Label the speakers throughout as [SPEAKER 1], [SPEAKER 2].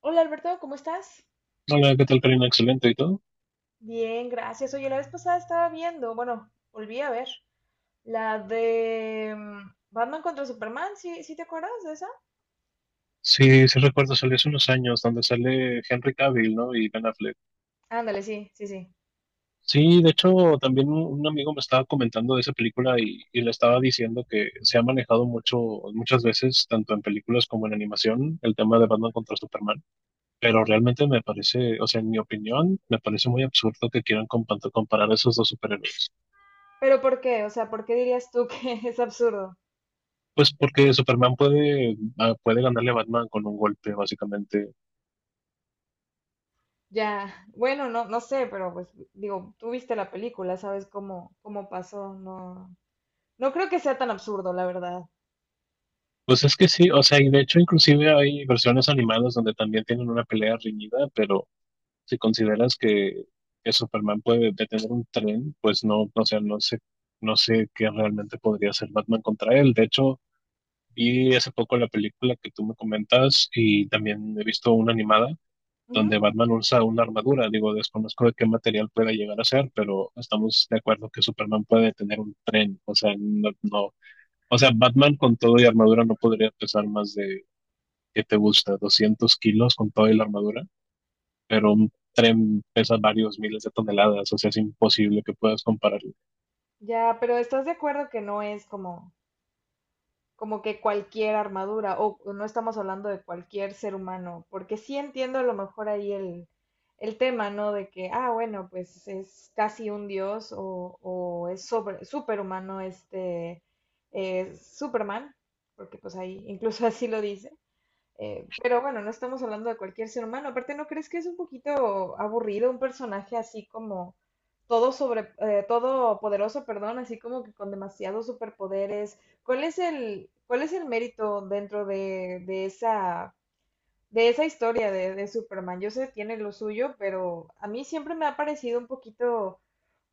[SPEAKER 1] Hola, Alberto, ¿cómo estás?
[SPEAKER 2] Hola, ¿qué tal, Karina? Excelente, ¿y todo?
[SPEAKER 1] Bien, gracias. Oye, la vez pasada estaba viendo, bueno, volví a ver la de Batman contra Superman, ¿sí, sí te acuerdas de esa?
[SPEAKER 2] Sí, sí recuerdo, salió hace unos años, donde sale Henry Cavill, ¿no? Y Ben Affleck.
[SPEAKER 1] Ándale, sí, sí, sí.
[SPEAKER 2] Sí, de hecho, también un amigo me estaba comentando de esa película y le estaba diciendo que se ha manejado mucho, muchas veces, tanto en películas como en animación, el tema de Batman contra Superman. Pero realmente me parece, o sea, en mi opinión, me parece muy absurdo que quieran comparar a esos dos superhéroes.
[SPEAKER 1] Pero ¿por qué? O sea, ¿por qué dirías tú que es absurdo?
[SPEAKER 2] Pues porque Superman puede ganarle a Batman con un golpe, básicamente.
[SPEAKER 1] Ya, bueno, no, no sé, pero pues digo, tú viste la película, sabes cómo, cómo pasó, no, no creo que sea tan absurdo, la verdad.
[SPEAKER 2] Pues es que sí, o sea, y de hecho inclusive hay versiones animadas donde también tienen una pelea reñida, pero si consideras que Superman puede detener un tren, pues no, o sea, no sé, no sé qué realmente podría hacer Batman contra él. De hecho, vi hace poco la película que tú me comentas y también he visto una animada
[SPEAKER 1] Ujú.
[SPEAKER 2] donde Batman usa una armadura. Digo, desconozco de qué material pueda llegar a ser, pero estamos de acuerdo que Superman puede detener un tren, o sea, no, no. O sea, Batman con todo y armadura no podría pesar más de que te gusta 200 kilos con toda la armadura, pero un tren pesa varios miles de toneladas, o sea, es imposible que puedas compararlo.
[SPEAKER 1] Ya, pero ¿estás de acuerdo que no es como como que cualquier armadura, o no estamos hablando de cualquier ser humano, porque sí entiendo a lo mejor ahí el tema, ¿no? De que, ah, bueno, pues es casi un dios o es sobre, superhumano este Superman, porque pues ahí incluso así lo dice, pero bueno, no estamos hablando de cualquier ser humano. Aparte, ¿no crees que es un poquito aburrido un personaje así como todo sobre, todo poderoso, perdón, así como que con demasiados superpoderes? Cuál es el mérito dentro de esa historia de Superman? Yo sé, tiene lo suyo, pero a mí siempre me ha parecido un poquito,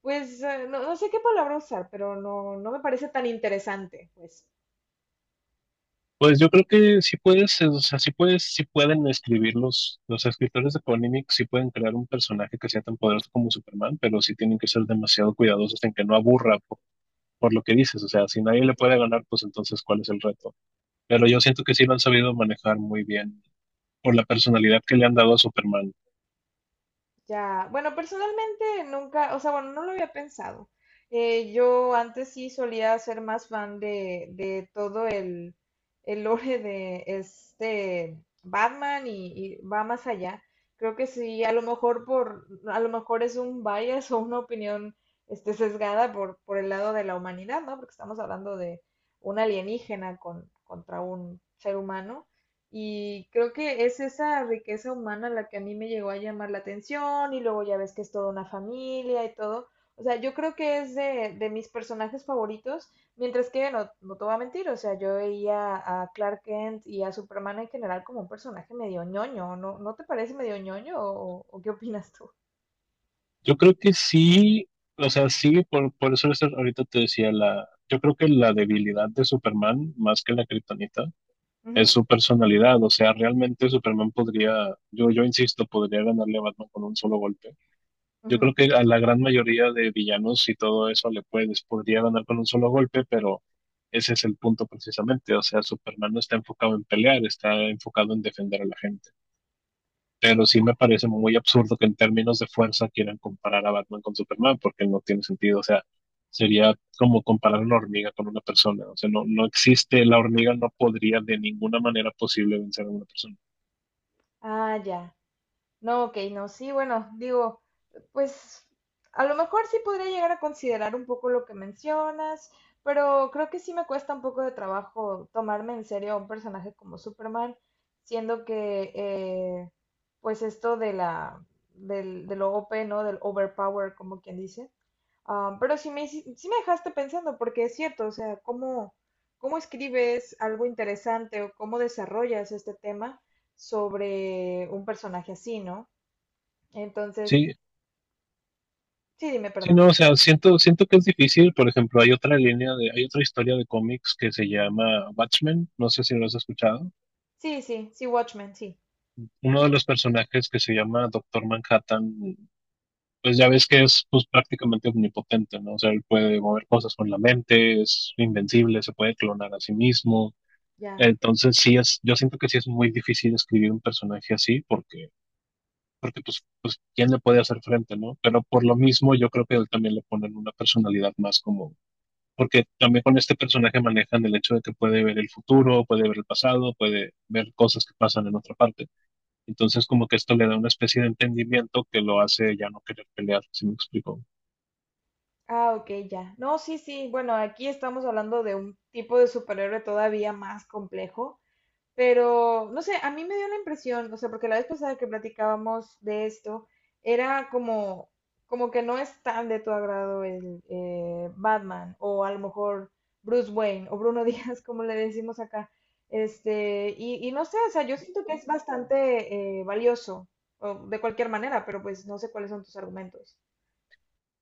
[SPEAKER 1] pues, no, no sé qué palabra usar, pero no, no me parece tan interesante, pues.
[SPEAKER 2] Pues yo creo que sí puedes, o sea, sí puedes, sí pueden escribirlos, los escritores de Panini sí pueden crear un personaje que sea tan poderoso como Superman, pero sí tienen que ser demasiado cuidadosos en que no aburra por lo que dices, o sea, si nadie le puede ganar, pues entonces, ¿cuál es el reto? Pero yo siento que sí lo han sabido manejar muy bien por la personalidad que le han dado a Superman.
[SPEAKER 1] Ya, bueno, personalmente nunca, o sea, bueno, no lo había pensado. Yo antes sí solía ser más fan de todo el lore de este Batman y va más allá. Creo que sí, a lo mejor por, a lo mejor es un bias o una opinión este, sesgada por el lado de la humanidad, ¿no? Porque estamos hablando de un alienígena con, contra un ser humano. Y creo que es esa riqueza humana la que a mí me llegó a llamar la atención y luego ya ves que es toda una familia y todo. O sea, yo creo que es de mis personajes favoritos, mientras que no, no te voy a mentir, o sea, yo veía a Clark Kent y a Superman en general como un personaje medio ñoño, ¿no, no te parece medio ñoño o qué opinas tú?
[SPEAKER 2] Yo creo que sí, o sea, sí, por eso ahorita te decía la, yo creo que la debilidad de Superman, más que la kriptonita,
[SPEAKER 1] Ujú,
[SPEAKER 2] es su personalidad. O sea, realmente Superman podría, yo insisto, podría ganarle a Batman con un solo golpe. Yo
[SPEAKER 1] ujú.
[SPEAKER 2] creo que a la gran mayoría de villanos y todo eso le puedes, podría ganar con un solo golpe, pero ese es el punto precisamente. O sea, Superman no está enfocado en pelear, está enfocado en defender a la gente. Pero sí me parece muy absurdo que en términos de fuerza quieran comparar a Batman con Superman, porque no tiene sentido. O sea, sería como comparar una hormiga con una persona. O sea, no, no existe, la hormiga no podría de ninguna manera posible vencer a una persona.
[SPEAKER 1] Ah, ya. No, ok, no, sí, bueno, digo, pues a lo mejor sí podría llegar a considerar un poco lo que mencionas, pero creo que sí me cuesta un poco de trabajo tomarme en serio a un personaje como Superman, siendo que pues esto de la del, del OP, ¿no? Del overpower, como quien dice. Ah, pero sí me, sí me dejaste pensando, porque es cierto, o sea, cómo, cómo escribes algo interesante o cómo desarrollas este tema sobre un personaje así, ¿no? Entonces,
[SPEAKER 2] Sí,
[SPEAKER 1] sí, dime,
[SPEAKER 2] sí,
[SPEAKER 1] perdón.
[SPEAKER 2] no, o sea, siento que es difícil. Por ejemplo, hay otra línea de, hay otra historia de cómics que se llama Watchmen, no sé si lo has escuchado.
[SPEAKER 1] Sí, sí, sí, Watchmen, sí,
[SPEAKER 2] Uno de los personajes que se llama Doctor Manhattan pues ya ves que es pues, prácticamente omnipotente, ¿no? O sea, él puede mover cosas con la mente, es invencible, se puede clonar a sí mismo.
[SPEAKER 1] ya.
[SPEAKER 2] Entonces sí es, yo siento que sí es muy difícil escribir un personaje así porque pues, pues quién le puede hacer frente, ¿no? Pero por lo mismo yo creo que él también le ponen una personalidad más como, porque también con este personaje manejan el hecho de que puede ver el futuro, puede ver el pasado, puede ver cosas que pasan en otra parte. Entonces como que esto le da una especie de entendimiento que lo hace ya no querer pelear, si me explico.
[SPEAKER 1] Ah, ok, ya. No, sí, sí, bueno, aquí estamos hablando de un tipo de superhéroe todavía más complejo. Pero, no sé, a mí me dio la impresión, o sea, porque la vez pasada que platicábamos de esto, era como, como que no es tan de tu agrado el Batman, o a lo mejor Bruce Wayne, o Bruno Díaz, como le decimos acá. Este, y no sé, o sea, yo siento que es bastante valioso, o de cualquier manera, pero pues no sé cuáles son tus argumentos.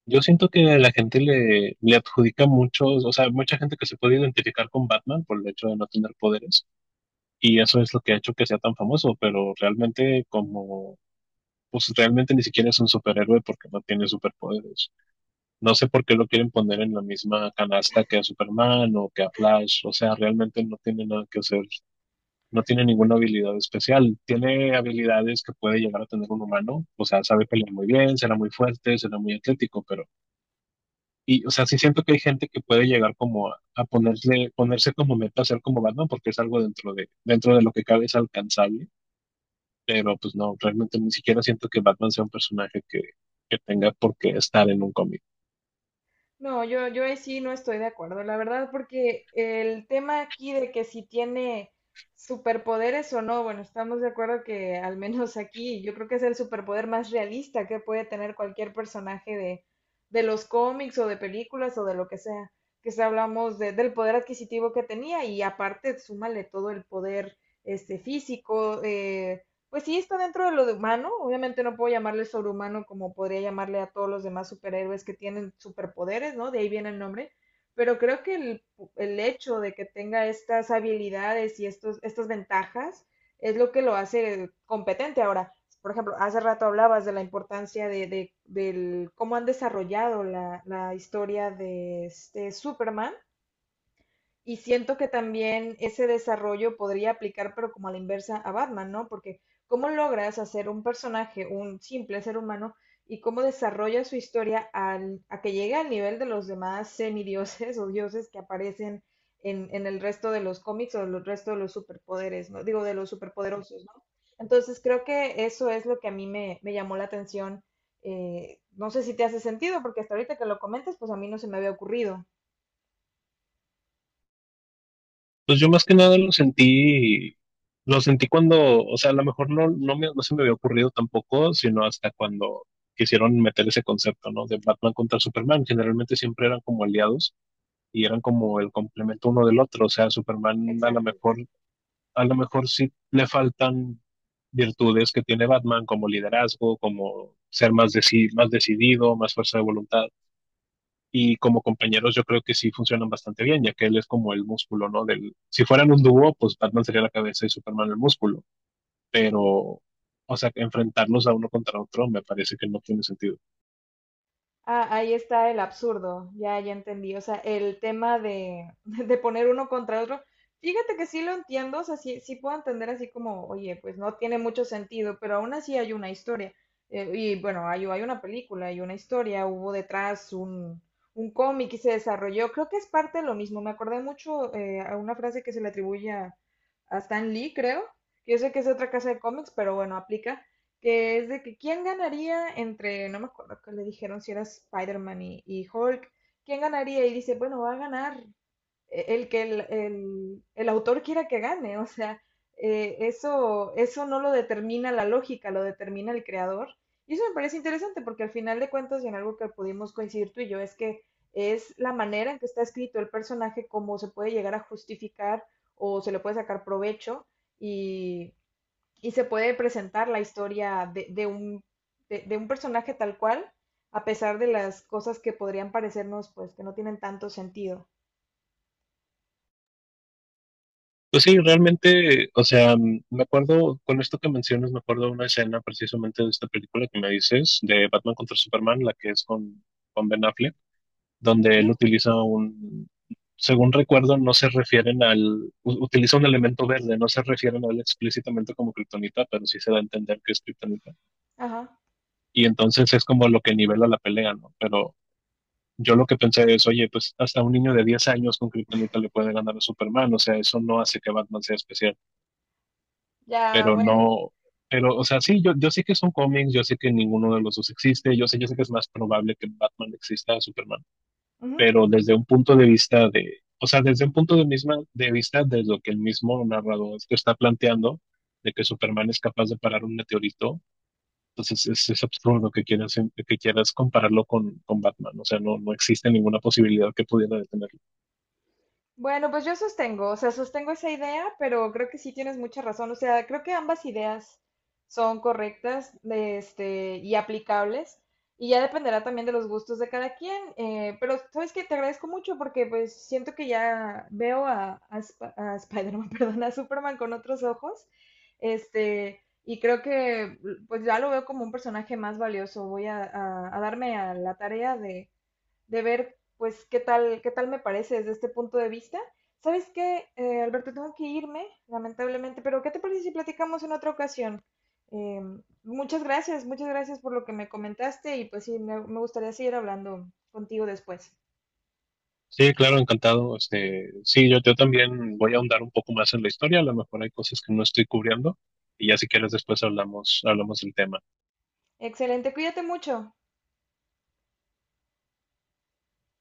[SPEAKER 2] Yo siento que a la gente le adjudica muchos, o sea, mucha gente que se puede identificar con Batman por el hecho de no tener poderes, y eso es lo que ha hecho que sea tan famoso, pero realmente como, pues realmente ni siquiera es un superhéroe porque no tiene superpoderes. No sé por qué lo quieren poner en la misma canasta que a Superman o que a Flash, o sea, realmente no tiene nada que hacer, no tiene ninguna habilidad especial, tiene habilidades que puede llegar a tener un humano, o sea, sabe pelear muy bien, será muy fuerte, será muy atlético, pero y, o sea, sí siento que hay gente que puede llegar como a ponerse, ponerse como meta hacer como Batman porque es algo dentro de lo que cabe es alcanzable, pero pues no, realmente ni siquiera siento que Batman sea un personaje que tenga por qué estar en un cómic.
[SPEAKER 1] No, yo ahí sí no estoy de acuerdo, la verdad, porque el tema aquí de que si tiene superpoderes o no, bueno, estamos de acuerdo que al menos aquí yo creo que es el superpoder más realista que puede tener cualquier personaje de los cómics o de películas o de lo que sea, que si hablamos de- del poder adquisitivo que tenía y aparte súmale todo el poder este, físico, pues sí, está dentro de lo de humano. Obviamente no puedo llamarle sobrehumano como podría llamarle a todos los demás superhéroes que tienen superpoderes, ¿no? De ahí viene el nombre. Pero creo que el hecho de que tenga estas habilidades y estos, estas ventajas es lo que lo hace competente. Ahora, por ejemplo, hace rato hablabas de la importancia de- del cómo han desarrollado la, la historia de este Superman y siento que también ese desarrollo podría aplicar, pero como a la inversa, a Batman, ¿no? Porque ¿cómo logras hacer un personaje, un simple ser humano, y cómo desarrolla su historia al, a que llegue al nivel de los demás semidioses o dioses que aparecen en el resto de los cómics o el resto de los superpoderes, ¿no? Digo, de los superpoderosos, ¿no? Entonces creo que eso es lo que a mí me, me llamó la atención. No sé si te hace sentido, porque hasta ahorita que lo comentas, pues a mí no se me había ocurrido.
[SPEAKER 2] Pues yo más que nada lo sentí, lo sentí cuando, o sea, a lo mejor no, no, no se me había ocurrido tampoco, sino hasta cuando quisieron meter ese concepto, ¿no? De Batman contra Superman. Generalmente siempre eran como aliados y eran como el complemento uno del otro. O sea, Superman a lo
[SPEAKER 1] Exacto.
[SPEAKER 2] mejor a lo mejor sí le faltan virtudes que tiene Batman, como liderazgo, como ser más, más decidido, más fuerza de voluntad. Y como compañeros yo creo que sí funcionan bastante bien, ya que él es como el músculo, ¿no? Del, si fueran un dúo, pues Batman sería la cabeza y Superman el músculo. Pero, o sea, enfrentarnos a uno contra otro me parece que no tiene sentido.
[SPEAKER 1] Ah, ahí está el absurdo, ya, ya entendí. O sea, el tema de, de poner uno contra otro. Fíjate que sí lo entiendo, o sea, sí, sí puedo entender así como, oye, pues no tiene mucho sentido, pero aún así hay una historia. Y bueno, hay una película, hay una historia, hubo detrás un cómic y se desarrolló. Creo que es parte de lo mismo. Me acordé mucho a una frase que se le atribuye a Stan Lee, creo. Yo sé que es de otra casa de cómics, pero bueno, aplica que es de que quién ganaría entre, no me acuerdo que le dijeron si era Spider-Man y Hulk, quién ganaría y dice, bueno, va a ganar el que el, el autor quiera que gane, o sea, eso, eso no lo determina la lógica, lo determina el creador. Y eso me parece interesante porque al final de cuentas, y en algo que pudimos coincidir tú y yo, es que es la manera en que está escrito el personaje, cómo se puede llegar a justificar o se le puede sacar provecho. Y, y se puede presentar la historia de un personaje tal cual, a pesar de las cosas que podrían parecernos, pues, que no tienen tanto sentido.
[SPEAKER 2] Pues sí, realmente, o sea, me acuerdo, con esto que mencionas, me acuerdo de una escena precisamente de esta película que me dices, de Batman contra Superman, la que es con, Ben Affleck donde
[SPEAKER 1] Ujú.
[SPEAKER 2] él utiliza un, según recuerdo, no se refieren al, utiliza un elemento verde, no se refieren a él explícitamente como kriptonita, pero sí se da a entender que es kriptonita.
[SPEAKER 1] Ajá,
[SPEAKER 2] Y entonces es como lo que nivela la pelea, ¿no? Pero yo lo que pensé es, oye, pues hasta un niño de 10 años con kriptonita le puede ganar a Superman, o sea, eso no hace que Batman sea especial,
[SPEAKER 1] ya,
[SPEAKER 2] pero
[SPEAKER 1] bueno.
[SPEAKER 2] no... Pero, o sea, sí, yo sé que son cómics, yo sé que ninguno de los dos existe, yo sé que es más probable que Batman exista a Superman, pero desde un punto de vista de, o sea, desde un punto de, misma, de vista de lo que el mismo narrador te está planteando, de que Superman es capaz de parar un meteorito, entonces es absurdo que quieras, compararlo con Batman, o sea, no, no existe ninguna posibilidad que pudiera detenerlo.
[SPEAKER 1] Bueno, pues yo sostengo, o sea, sostengo esa idea, pero creo que sí tienes mucha razón. O sea, creo que ambas ideas son correctas, de este, y aplicables, y ya dependerá también de los gustos de cada quien. Eh, pero sabes que te agradezco mucho porque pues siento que ya veo a a Spider-Man, perdón, a Superman con otros ojos, este, y creo que pues ya lo veo como un personaje más valioso. Voy a, a darme a la tarea de ver, pues, qué tal me parece desde este punto de vista. ¿Sabes qué, Alberto? Tengo que irme, lamentablemente, pero ¿qué te parece si platicamos en otra ocasión? Muchas gracias, muchas gracias por lo que me comentaste y pues sí, me gustaría seguir hablando contigo después.
[SPEAKER 2] Sí, claro, encantado. Este, sí, yo también voy a ahondar un poco más en la historia, a lo mejor hay cosas que no estoy cubriendo, y ya si quieres después hablamos, hablamos del tema.
[SPEAKER 1] Excelente, cuídate mucho.